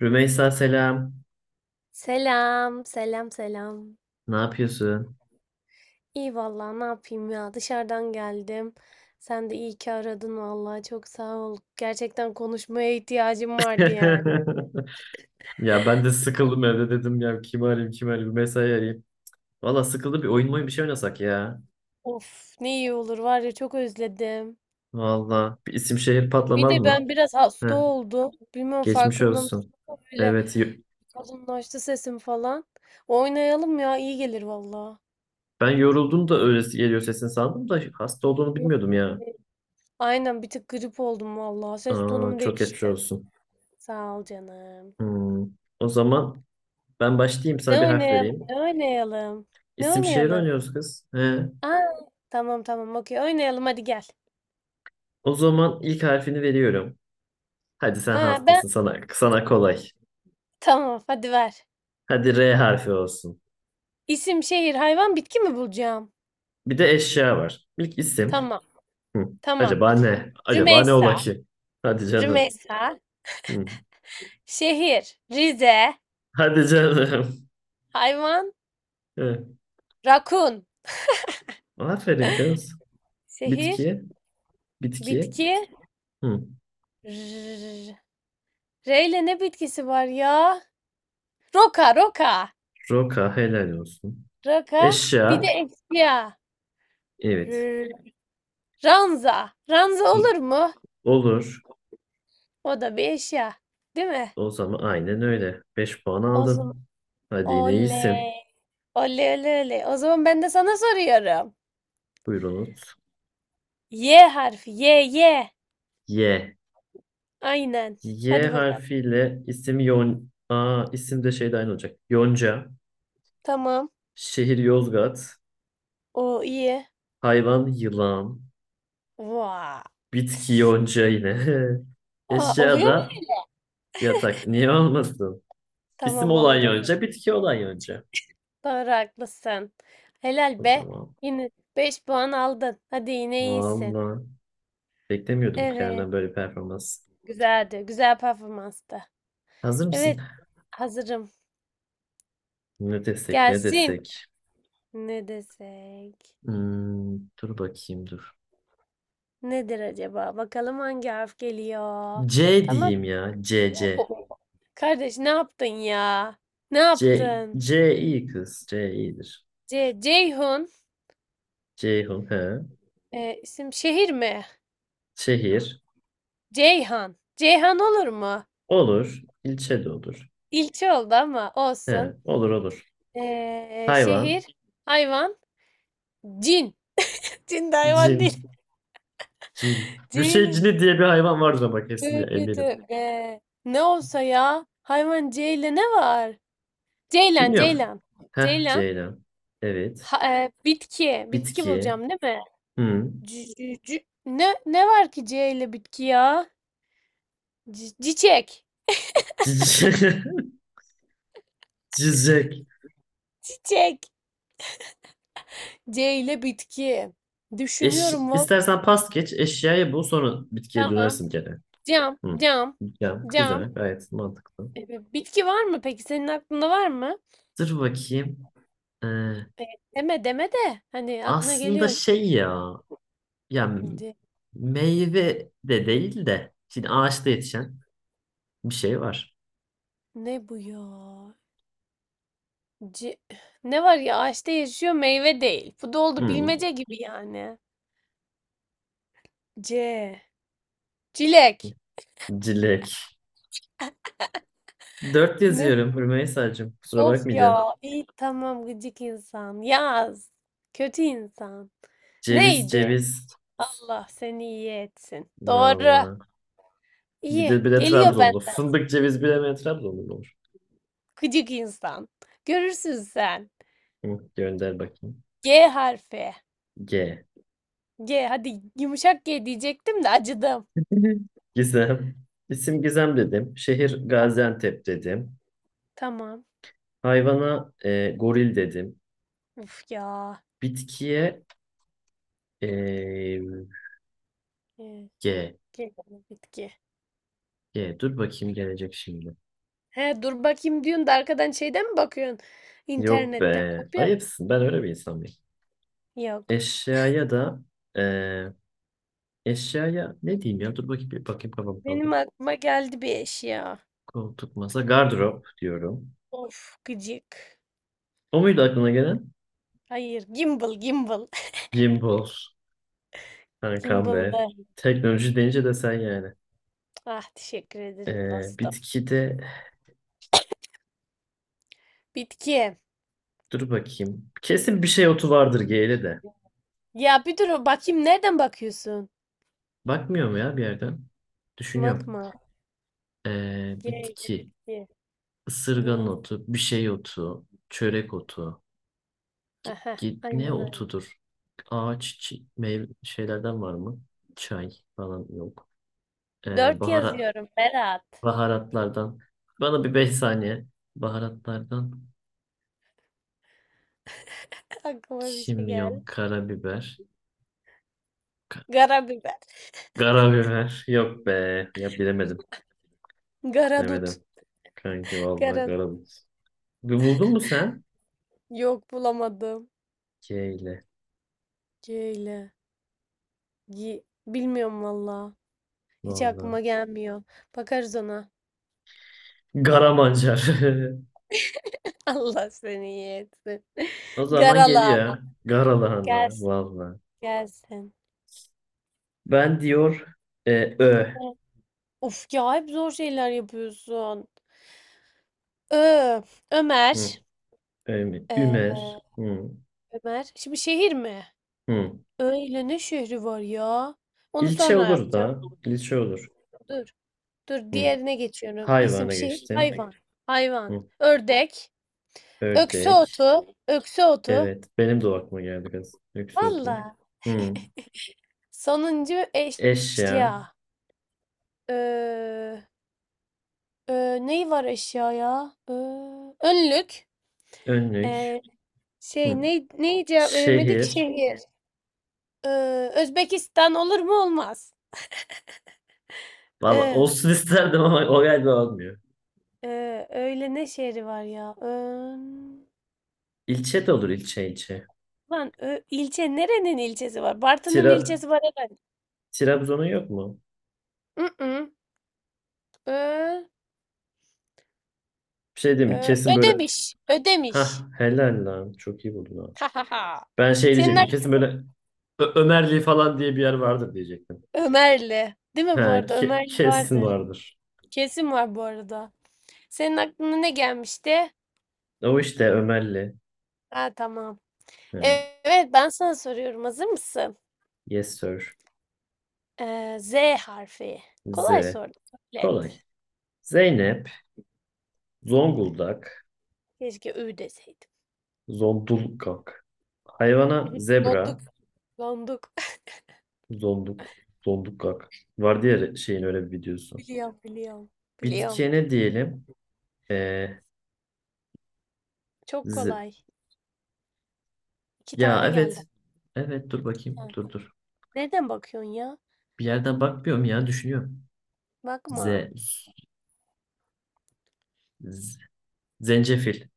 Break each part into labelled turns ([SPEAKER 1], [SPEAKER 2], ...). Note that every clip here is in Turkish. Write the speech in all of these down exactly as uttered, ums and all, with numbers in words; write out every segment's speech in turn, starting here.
[SPEAKER 1] Rümeysa selam.
[SPEAKER 2] Selam, selam, selam.
[SPEAKER 1] Ne yapıyorsun?
[SPEAKER 2] İyi vallahi ne yapayım ya dışarıdan geldim. Sen de iyi ki aradın vallahi çok sağ ol. Gerçekten konuşmaya ihtiyacım vardı yani.
[SPEAKER 1] Ya ben de sıkıldım evde dedim ya kimi arayayım kimi arayayım Rümeysa'yı arayayım. Valla sıkıldı bir oyun oyun bir şey oynasak ya.
[SPEAKER 2] Of ne iyi olur var ya çok özledim.
[SPEAKER 1] Valla bir isim şehir
[SPEAKER 2] Bir
[SPEAKER 1] patlamaz
[SPEAKER 2] de
[SPEAKER 1] mı?
[SPEAKER 2] ben biraz
[SPEAKER 1] Heh,
[SPEAKER 2] hasta oldum. Bilmem
[SPEAKER 1] geçmiş
[SPEAKER 2] farkında
[SPEAKER 1] olsun.
[SPEAKER 2] mısın? Böyle
[SPEAKER 1] Evet yo-
[SPEAKER 2] kalınlaştı sesim falan. Oynayalım ya iyi gelir vallahi.
[SPEAKER 1] ben yoruldum da öyle geliyor sesin sandım da hasta olduğunu
[SPEAKER 2] Yok,
[SPEAKER 1] bilmiyordum ya.
[SPEAKER 2] be. Aynen bir tık grip oldum vallahi. Ses
[SPEAKER 1] Aa,
[SPEAKER 2] tonum
[SPEAKER 1] çok geçmiş
[SPEAKER 2] değişti.
[SPEAKER 1] olsun.
[SPEAKER 2] Sağ ol canım.
[SPEAKER 1] Hmm. O zaman ben başlayayım
[SPEAKER 2] Ne
[SPEAKER 1] sana bir harf
[SPEAKER 2] oynayalım?
[SPEAKER 1] vereyim.
[SPEAKER 2] Ne oynayalım? Ne
[SPEAKER 1] İsim şehir
[SPEAKER 2] oynayalım?
[SPEAKER 1] oynuyoruz kız. He.
[SPEAKER 2] Aa, tamam tamam okey oynayalım hadi gel.
[SPEAKER 1] O zaman ilk harfini veriyorum. Hadi sen
[SPEAKER 2] Ha ben
[SPEAKER 1] hastasın sana sana kolay.
[SPEAKER 2] tamam hadi ver.
[SPEAKER 1] Hadi R harfi olsun.
[SPEAKER 2] İsim, şehir, hayvan, bitki mi bulacağım?
[SPEAKER 1] Bir de eşya var. İlk isim.
[SPEAKER 2] Tamam
[SPEAKER 1] Hı.
[SPEAKER 2] tamam.
[SPEAKER 1] Acaba ne? Acaba ne ola
[SPEAKER 2] Rümeysa.
[SPEAKER 1] ki? Hadi canım.
[SPEAKER 2] Rümeysa.
[SPEAKER 1] Hı.
[SPEAKER 2] Şehir. Rize.
[SPEAKER 1] Hadi canım.
[SPEAKER 2] Hayvan.
[SPEAKER 1] Hı.
[SPEAKER 2] Rakun.
[SPEAKER 1] Aferin kız.
[SPEAKER 2] Şehir.
[SPEAKER 1] Bitki. Bitki.
[SPEAKER 2] Bitki.
[SPEAKER 1] Hı.
[SPEAKER 2] R- R ile ne bitkisi var ya? Roka roka.
[SPEAKER 1] Roka helal olsun.
[SPEAKER 2] Roka. Bir de
[SPEAKER 1] Eşya.
[SPEAKER 2] eşya.
[SPEAKER 1] Evet.
[SPEAKER 2] R- Ranza. Ranza
[SPEAKER 1] Hı.
[SPEAKER 2] olur mu?
[SPEAKER 1] Olur.
[SPEAKER 2] O da bir eşya. Değil mi?
[SPEAKER 1] O zaman aynen öyle. Beş puan
[SPEAKER 2] O zaman
[SPEAKER 1] aldın. Hadi yine iyisin.
[SPEAKER 2] oley. Oley oley oley. O zaman ben de sana soruyorum.
[SPEAKER 1] Buyurunuz.
[SPEAKER 2] Y harfi. Y Y.
[SPEAKER 1] Y.
[SPEAKER 2] Aynen.
[SPEAKER 1] Y
[SPEAKER 2] Hadi bakalım.
[SPEAKER 1] harfiyle isim Yon... Aa, isim de şeyde aynı olacak. Yonca.
[SPEAKER 2] Tamam.
[SPEAKER 1] Şehir Yozgat.
[SPEAKER 2] O iyi.
[SPEAKER 1] Hayvan yılan.
[SPEAKER 2] Vaa.
[SPEAKER 1] Bitki
[SPEAKER 2] Tıs.
[SPEAKER 1] yonca yine.
[SPEAKER 2] Aa,
[SPEAKER 1] Eşya
[SPEAKER 2] oluyor mu?
[SPEAKER 1] da yatak. Niye olmasın? İsim
[SPEAKER 2] Tamam
[SPEAKER 1] olan
[SPEAKER 2] olurum.
[SPEAKER 1] yonca, bitki olan yonca.
[SPEAKER 2] Doğru haklısın.
[SPEAKER 1] O
[SPEAKER 2] Helal be.
[SPEAKER 1] zaman.
[SPEAKER 2] Yine beş puan aldın. Hadi yine iyisin.
[SPEAKER 1] Vallahi beklemiyordum
[SPEAKER 2] Evet.
[SPEAKER 1] kendimden böyle bir performans.
[SPEAKER 2] Güzeldi. Güzel performanstı.
[SPEAKER 1] Hazır mısın?
[SPEAKER 2] Evet. Hazırım.
[SPEAKER 1] Ne desek, ne
[SPEAKER 2] Gelsin.
[SPEAKER 1] desek?
[SPEAKER 2] Ne desek?
[SPEAKER 1] Hmm, dur bakayım dur.
[SPEAKER 2] Nedir acaba? Bakalım hangi harf geliyor.
[SPEAKER 1] C
[SPEAKER 2] Tamam.
[SPEAKER 1] diyeyim ya. C C.
[SPEAKER 2] Oo, kardeş ne yaptın ya? Ne
[SPEAKER 1] C
[SPEAKER 2] yaptın?
[SPEAKER 1] C iyi kız. C iyidir.
[SPEAKER 2] C Ceyhun
[SPEAKER 1] Ceyhun he.
[SPEAKER 2] e, isim şehir mi?
[SPEAKER 1] Şehir
[SPEAKER 2] Ceyhan. Ceyhan olur mu?
[SPEAKER 1] olur. İlçe de olur.
[SPEAKER 2] İlçe oldu ama
[SPEAKER 1] He,
[SPEAKER 2] olsun.
[SPEAKER 1] olur olur.
[SPEAKER 2] E, şehir,
[SPEAKER 1] Hayvan.
[SPEAKER 2] hayvan, cin. Cin de hayvan değil.
[SPEAKER 1] Cin. Cin.
[SPEAKER 2] C
[SPEAKER 1] Bir şey
[SPEAKER 2] ile.
[SPEAKER 1] cini diye bir hayvan vardır ama kesin ya,
[SPEAKER 2] Tövbe
[SPEAKER 1] eminim.
[SPEAKER 2] tövbe. Ne olsa ya? Hayvan C ile ne var? Ceylan,
[SPEAKER 1] Bilmiyorum.
[SPEAKER 2] Ceylan.
[SPEAKER 1] Heh
[SPEAKER 2] Ceylan.
[SPEAKER 1] Ceylan. Evet.
[SPEAKER 2] Ha- e, bitki. Bitki
[SPEAKER 1] Bitki.
[SPEAKER 2] bulacağım değil mi?
[SPEAKER 1] Hı.
[SPEAKER 2] C- c- c- ne ne var ki C ile bitki ya? C- Çiçek.
[SPEAKER 1] Cici- Cicek.
[SPEAKER 2] Çiçek. C ile bitki.
[SPEAKER 1] Eş,
[SPEAKER 2] Düşünüyorum valla.
[SPEAKER 1] istersen pas geç. Eşyayı bul sonra bitkiye
[SPEAKER 2] Tamam.
[SPEAKER 1] dönersin gene.
[SPEAKER 2] Cam,
[SPEAKER 1] Hı.
[SPEAKER 2] cam,
[SPEAKER 1] Ya,
[SPEAKER 2] cam.
[SPEAKER 1] güzel. Gayet mantıklı.
[SPEAKER 2] Ee, Bitki var mı peki? Senin aklında var mı?
[SPEAKER 1] Dur bakayım. Ee,
[SPEAKER 2] Ee, Deme deme de. Hani aklına
[SPEAKER 1] aslında
[SPEAKER 2] geliyor.
[SPEAKER 1] şey ya. Ya
[SPEAKER 2] C-
[SPEAKER 1] meyve de değil de. Şimdi ağaçta
[SPEAKER 2] c-
[SPEAKER 1] yetişen bir şey var.
[SPEAKER 2] ne bu ya? C- ne var ya? Ağaçta yaşıyor meyve değil. Bu da oldu
[SPEAKER 1] Hı.
[SPEAKER 2] bilmece gibi yani. C. Cilek.
[SPEAKER 1] Cilek. Dört
[SPEAKER 2] Ne
[SPEAKER 1] yazıyorum Rümeysa'cığım. Kusura
[SPEAKER 2] of
[SPEAKER 1] bakmayacağım.
[SPEAKER 2] ya. İyi tamam gıcık insan. Yaz. Kötü insan.
[SPEAKER 1] Ceviz
[SPEAKER 2] Neydi?
[SPEAKER 1] ceviz.
[SPEAKER 2] Allah seni iyi etsin. Doğru.
[SPEAKER 1] Valla. Bir
[SPEAKER 2] İyi.
[SPEAKER 1] de bir de
[SPEAKER 2] Geliyor
[SPEAKER 1] Trabzonlu.
[SPEAKER 2] benden.
[SPEAKER 1] Fındık ceviz bilemeyen Trabzonlu mu olur?
[SPEAKER 2] Gıcık insan. Görürsün sen.
[SPEAKER 1] Hı, gönder bakayım.
[SPEAKER 2] G harfi.
[SPEAKER 1] G.
[SPEAKER 2] G. Hadi yumuşak G diyecektim de acıdım.
[SPEAKER 1] Gizem. İsim Gizem dedim. Şehir
[SPEAKER 2] Tamam.
[SPEAKER 1] Gaziantep dedim.
[SPEAKER 2] Tamam.
[SPEAKER 1] Hayvana e, goril dedim.
[SPEAKER 2] Uf ya.
[SPEAKER 1] Bitkiye e,
[SPEAKER 2] Ee,
[SPEAKER 1] G.
[SPEAKER 2] G. Bitki.
[SPEAKER 1] G. Dur bakayım gelecek şimdi.
[SPEAKER 2] He dur bakayım diyorsun da arkadan şeyden mi bakıyorsun?
[SPEAKER 1] Yok
[SPEAKER 2] İnternetten.
[SPEAKER 1] be.
[SPEAKER 2] Kopya.
[SPEAKER 1] Ayıpsın. Ben öyle bir insan mıyım?
[SPEAKER 2] Yok.
[SPEAKER 1] Eşyaya da e, Eşyaya ne diyeyim ya? Dur bakayım bir bakayım kafam kaldı.
[SPEAKER 2] Benim aklıma geldi bir eşya.
[SPEAKER 1] Koltuk, masa, gardırop diyorum.
[SPEAKER 2] Of gıcık.
[SPEAKER 1] O muydu aklına gelen?
[SPEAKER 2] Hayır, gimbal, gimbal.
[SPEAKER 1] Gimbal, kankam be.
[SPEAKER 2] Gimbal'da.
[SPEAKER 1] Teknoloji deyince de sen yani.
[SPEAKER 2] Ah, teşekkür ederim
[SPEAKER 1] Ee,
[SPEAKER 2] dostum.
[SPEAKER 1] bitkide
[SPEAKER 2] Bitki.
[SPEAKER 1] dur bakayım. Kesin bir şey otu vardır G'li de.
[SPEAKER 2] Ya bir dur bakayım nereden bakıyorsun?
[SPEAKER 1] Bakmıyor mu ya bir yerden? Düşünüyorum.
[SPEAKER 2] Bakma.
[SPEAKER 1] Ee,
[SPEAKER 2] G ile
[SPEAKER 1] bitki,
[SPEAKER 2] bitki.
[SPEAKER 1] ısırgan
[SPEAKER 2] Go.
[SPEAKER 1] otu, bir şey otu, çörek otu.
[SPEAKER 2] Aha,
[SPEAKER 1] Git
[SPEAKER 2] aynen
[SPEAKER 1] ne
[SPEAKER 2] aynen.
[SPEAKER 1] otudur? Ağaç, çi- meyve şeylerden var mı? Çay falan yok. Ee,
[SPEAKER 2] Dört
[SPEAKER 1] bahara-
[SPEAKER 2] yazıyorum Berat.
[SPEAKER 1] Baharatlardan. Bana bir beş saniye. Baharatlardan
[SPEAKER 2] Aklıma bir şey
[SPEAKER 1] kimyon,
[SPEAKER 2] geldi.
[SPEAKER 1] karabiber. Ka-
[SPEAKER 2] Karabiber.
[SPEAKER 1] Karabiber. Yok be. Ya bilemedim.
[SPEAKER 2] Garadut.
[SPEAKER 1] Bilemedim. Kanki vallahi
[SPEAKER 2] Garadut.
[SPEAKER 1] karabiber. Bir buldun mu sen?
[SPEAKER 2] Yok bulamadım.
[SPEAKER 1] K ile.
[SPEAKER 2] G ile. Gi. Bilmiyorum valla. Hiç aklıma
[SPEAKER 1] Vallahi.
[SPEAKER 2] gelmiyor. Bakarız ona.
[SPEAKER 1] Garamancar.
[SPEAKER 2] Allah seni iyi etsin.
[SPEAKER 1] O zaman
[SPEAKER 2] Garalı ama.
[SPEAKER 1] geliyor. Garalahana.
[SPEAKER 2] Gelsin,
[SPEAKER 1] Vallahi.
[SPEAKER 2] gelsin.
[SPEAKER 1] Ben diyor e, Ö.
[SPEAKER 2] Of ya hep zor şeyler yapıyorsun. Ö, Ömer.
[SPEAKER 1] Hı. Ö mi?
[SPEAKER 2] Ee,
[SPEAKER 1] Ümer. Hı.
[SPEAKER 2] Ömer. Şimdi şehir mi?
[SPEAKER 1] Hı.
[SPEAKER 2] Ö ile ne şehri var ya? Onu
[SPEAKER 1] İlçe
[SPEAKER 2] sonra
[SPEAKER 1] olur
[SPEAKER 2] yapacağım.
[SPEAKER 1] da. İlçe olur.
[SPEAKER 2] Dur. Dur
[SPEAKER 1] Hı.
[SPEAKER 2] diğerine geçiyorum. İsim
[SPEAKER 1] Hayvana
[SPEAKER 2] şehir
[SPEAKER 1] geçtim.
[SPEAKER 2] hayvan. Hayvan.
[SPEAKER 1] Hı.
[SPEAKER 2] Ördek. Öksü
[SPEAKER 1] Ördek.
[SPEAKER 2] otu. Öksü otu.
[SPEAKER 1] Evet. Benim de o aklıma geldi kız. Lüks otu.
[SPEAKER 2] Valla.
[SPEAKER 1] Hı.
[SPEAKER 2] Sonuncu eşya.
[SPEAKER 1] Eşya.
[SPEAKER 2] Ö, ö, neyi var eşya ya? Ö, önlük.
[SPEAKER 1] Önlük.
[SPEAKER 2] Ee,
[SPEAKER 1] Hı.
[SPEAKER 2] şey ne, neyi cevap veremedik?
[SPEAKER 1] Şehir.
[SPEAKER 2] Şehir. Eee, Özbekistan olur mu? Olmaz.
[SPEAKER 1] Valla
[SPEAKER 2] Eee,
[SPEAKER 1] olsun isterdim ama o galiba olmuyor.
[SPEAKER 2] eee, öyle ne şehri var ya? Ön...
[SPEAKER 1] İlçe de olur ilçe ilçe.
[SPEAKER 2] Lan ö, ilçe nerenin ilçesi var? Bartın'ın
[SPEAKER 1] Tira,
[SPEAKER 2] ilçesi var herhalde.
[SPEAKER 1] Trabzon'un yok mu?
[SPEAKER 2] Mm-mm. Ö,
[SPEAKER 1] Bir şey diyeyim mi?
[SPEAKER 2] ö,
[SPEAKER 1] Kesin böyle
[SPEAKER 2] Ödemiş. Ödemiş.
[SPEAKER 1] ha helal lan. Çok iyi buldun ha.
[SPEAKER 2] Ha ha ha.
[SPEAKER 1] Ben şey
[SPEAKER 2] Senin
[SPEAKER 1] diyecektim.
[SPEAKER 2] ak-
[SPEAKER 1] Kesin böyle Ö- Ömerli falan diye bir yer vardır diyecektim.
[SPEAKER 2] Ömerli. Değil mi bu
[SPEAKER 1] Ha
[SPEAKER 2] arada?
[SPEAKER 1] ke-
[SPEAKER 2] Ömerli
[SPEAKER 1] kesin
[SPEAKER 2] vardır.
[SPEAKER 1] vardır.
[SPEAKER 2] Kesin var bu arada. Senin aklına ne gelmişti?
[SPEAKER 1] O işte Ömerli.
[SPEAKER 2] Ha tamam.
[SPEAKER 1] Ha,
[SPEAKER 2] Evet ben sana soruyorum. Hazır mısın?
[SPEAKER 1] yes sir.
[SPEAKER 2] Eee, Z harfi. Kolay
[SPEAKER 1] Z.
[SPEAKER 2] sordum. Kabul et.
[SPEAKER 1] Kolay. Zeynep. Zonguldak,
[SPEAKER 2] Keşke ü deseydim.
[SPEAKER 1] Zondullgak. Hayvana
[SPEAKER 2] Donduk.
[SPEAKER 1] zebra,
[SPEAKER 2] Donduk.
[SPEAKER 1] zonduk, zondullgak. Var diğer şeyin öyle bir videosu.
[SPEAKER 2] Biliyorum, biliyorum. Biliyorum.
[SPEAKER 1] Bitkiye ne diyelim? Ee,
[SPEAKER 2] Çok
[SPEAKER 1] ze-
[SPEAKER 2] kolay. İki
[SPEAKER 1] ya
[SPEAKER 2] tane geldi.
[SPEAKER 1] evet. Evet dur bakayım.
[SPEAKER 2] Yani.
[SPEAKER 1] Dur dur.
[SPEAKER 2] Nereden bakıyorsun ya?
[SPEAKER 1] Bir yerden bakmıyorum ya düşünüyorum.
[SPEAKER 2] Bakma.
[SPEAKER 1] Ze, z- zencefil.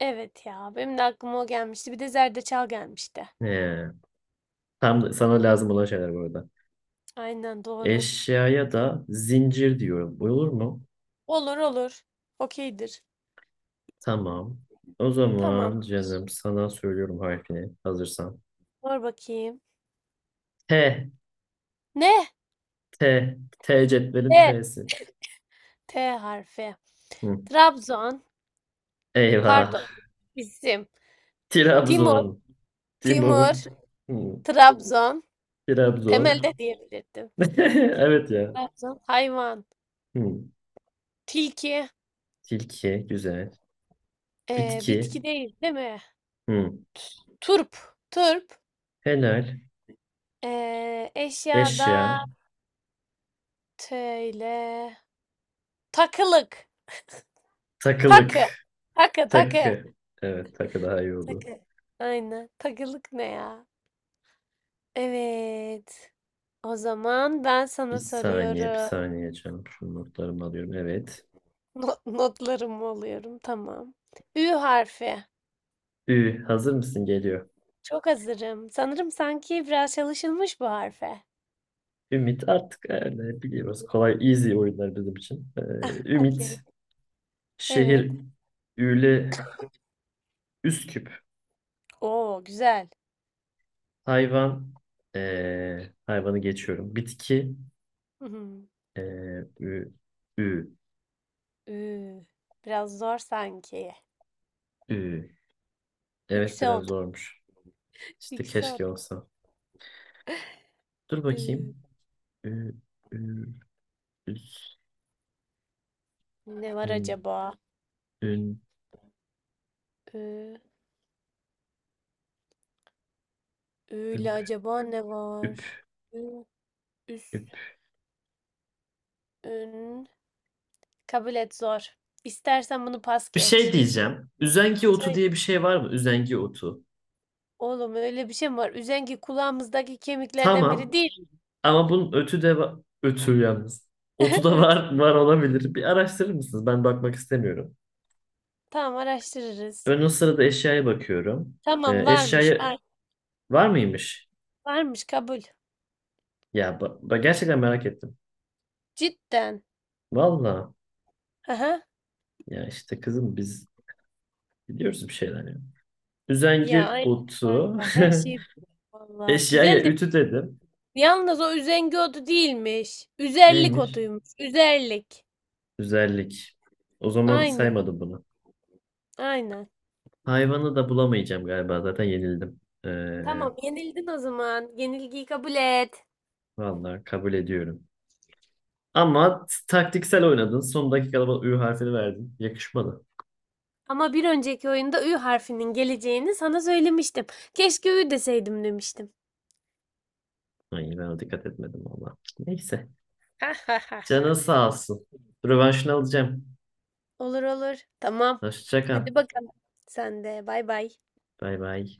[SPEAKER 2] Evet ya, benim de aklıma o gelmişti. Bir de zerdeçal gelmişti.
[SPEAKER 1] Ee, tam da- sana lazım olan şeyler bu arada.
[SPEAKER 2] Aynen doğru.
[SPEAKER 1] Eşyaya da zincir diyorum. Olur mu?
[SPEAKER 2] Olur olur. Okeydir.
[SPEAKER 1] Tamam. O zaman
[SPEAKER 2] Tamam.
[SPEAKER 1] canım sana söylüyorum harfini hazırsan.
[SPEAKER 2] Sor bakayım.
[SPEAKER 1] T
[SPEAKER 2] Ne?
[SPEAKER 1] T. T cetvelin
[SPEAKER 2] T.
[SPEAKER 1] T'si.
[SPEAKER 2] T harfi.
[SPEAKER 1] Hı.
[SPEAKER 2] Trabzon.
[SPEAKER 1] Eyvah.
[SPEAKER 2] Pardon. İsim. Timur.
[SPEAKER 1] Trabzon. Timur.
[SPEAKER 2] Timur.
[SPEAKER 1] Hı.
[SPEAKER 2] Trabzon.
[SPEAKER 1] Trabzon.
[SPEAKER 2] Temelde diyebilirdim. Timur,
[SPEAKER 1] Evet ya.
[SPEAKER 2] Trabzon. Hayvan.
[SPEAKER 1] Hı.
[SPEAKER 2] Tilki.
[SPEAKER 1] Tilki. Güzel.
[SPEAKER 2] Eee, bitki
[SPEAKER 1] Bitki.
[SPEAKER 2] değil, değil mi?
[SPEAKER 1] Hı.
[SPEAKER 2] Turp. Turp.
[SPEAKER 1] Helal.
[SPEAKER 2] Eee,
[SPEAKER 1] Eşya.
[SPEAKER 2] eşyada T ile takılık. Takı.
[SPEAKER 1] Takılık.
[SPEAKER 2] Takı, takı.
[SPEAKER 1] Takı. Evet takı daha iyi oldu.
[SPEAKER 2] Takı. Aynen. Takılık ne ya? Evet. O zaman ben
[SPEAKER 1] Bir
[SPEAKER 2] sana
[SPEAKER 1] saniye bir
[SPEAKER 2] soruyorum.
[SPEAKER 1] saniye canım. Şu notlarımı alıyorum. Evet.
[SPEAKER 2] Not, notlarımı alıyorum. Tamam. Ü harfi.
[SPEAKER 1] Ü. Hazır mısın? Geliyor.
[SPEAKER 2] Çok hazırım. Sanırım sanki biraz çalışılmış bu harfe.
[SPEAKER 1] Ümit artık öyle biliyoruz. Kolay easy oyunlar bizim için. Ee, Ümit.
[SPEAKER 2] Okey. Evet.
[SPEAKER 1] Şehir. Üyle Üst küp.
[SPEAKER 2] Oo, güzel.
[SPEAKER 1] Hayvan. eee, hayvanı geçiyorum. Bitki.
[SPEAKER 2] Hı hı.
[SPEAKER 1] eee, ü, ü,
[SPEAKER 2] Ü. Biraz zor sanki.
[SPEAKER 1] ü. Evet biraz
[SPEAKER 2] Yükselt.
[SPEAKER 1] zormuş. İşte keşke
[SPEAKER 2] Yükselt.
[SPEAKER 1] olsa. Dur
[SPEAKER 2] Ee,
[SPEAKER 1] bakayım. Ü, ü, üs,
[SPEAKER 2] ne var
[SPEAKER 1] üm,
[SPEAKER 2] acaba?
[SPEAKER 1] ün,
[SPEAKER 2] Ee, öyle
[SPEAKER 1] üp,
[SPEAKER 2] acaba ne
[SPEAKER 1] üp,
[SPEAKER 2] var? Ü-
[SPEAKER 1] üp.
[SPEAKER 2] Üst. Ün. Kabul et zor. İstersen bunu pas
[SPEAKER 1] Bir şey
[SPEAKER 2] geç.
[SPEAKER 1] diyeceğim. Üzengi otu
[SPEAKER 2] Sen-
[SPEAKER 1] diye bir şey var mı? Üzengi otu.
[SPEAKER 2] oğlum öyle bir şey mi var? Üzengi kulağımızdaki kemiklerden biri
[SPEAKER 1] Tamam.
[SPEAKER 2] değil mi?
[SPEAKER 1] Ama bunun ötü de var. Ötü yalnız. Otu da
[SPEAKER 2] Evet.
[SPEAKER 1] var, var olabilir. Bir araştırır mısınız? Ben bakmak istemiyorum.
[SPEAKER 2] Tamam araştırırız.
[SPEAKER 1] Ben o sırada eşyaya bakıyorum.
[SPEAKER 2] Tamam
[SPEAKER 1] Ee,
[SPEAKER 2] varmış.
[SPEAKER 1] eşyaya
[SPEAKER 2] Var,
[SPEAKER 1] Var mıymış?
[SPEAKER 2] varmış kabul.
[SPEAKER 1] Ya ba- ba- gerçekten merak ettim.
[SPEAKER 2] Cidden.
[SPEAKER 1] Valla
[SPEAKER 2] Aha.
[SPEAKER 1] ya işte kızım biz biliyoruz bir şeyler ya.
[SPEAKER 2] Ya
[SPEAKER 1] Üzengi
[SPEAKER 2] aynen
[SPEAKER 1] utu.
[SPEAKER 2] kanka her şey vallahi
[SPEAKER 1] Eşyaya
[SPEAKER 2] güzel de
[SPEAKER 1] ütü dedim.
[SPEAKER 2] yalnız o üzengi otu değilmiş. Üzerlik
[SPEAKER 1] Neymiş?
[SPEAKER 2] otuymuş. Üzerlik.
[SPEAKER 1] Güzellik. O zaman
[SPEAKER 2] Aynen.
[SPEAKER 1] saymadım bunu.
[SPEAKER 2] Aynen.
[SPEAKER 1] Hayvanı da bulamayacağım galiba zaten yenildim. Ee,
[SPEAKER 2] Tamam, yenildin o zaman. Yenilgiyi kabul et.
[SPEAKER 1] valla kabul ediyorum. Ama t- taktiksel oynadın. Son dakikada bana Ü harfini verdin. Yakışmadı.
[SPEAKER 2] Ama bir önceki oyunda Ü harfinin geleceğini sana söylemiştim. Keşke Ü deseydim demiştim.
[SPEAKER 1] Ay ben ona dikkat etmedim valla. Neyse. Canın sağ olsun. Rövanşını alacağım.
[SPEAKER 2] Olur olur. Tamam.
[SPEAKER 1] Hoşça kal.
[SPEAKER 2] Hadi bakalım. Sen de bay bay.
[SPEAKER 1] Bay bay.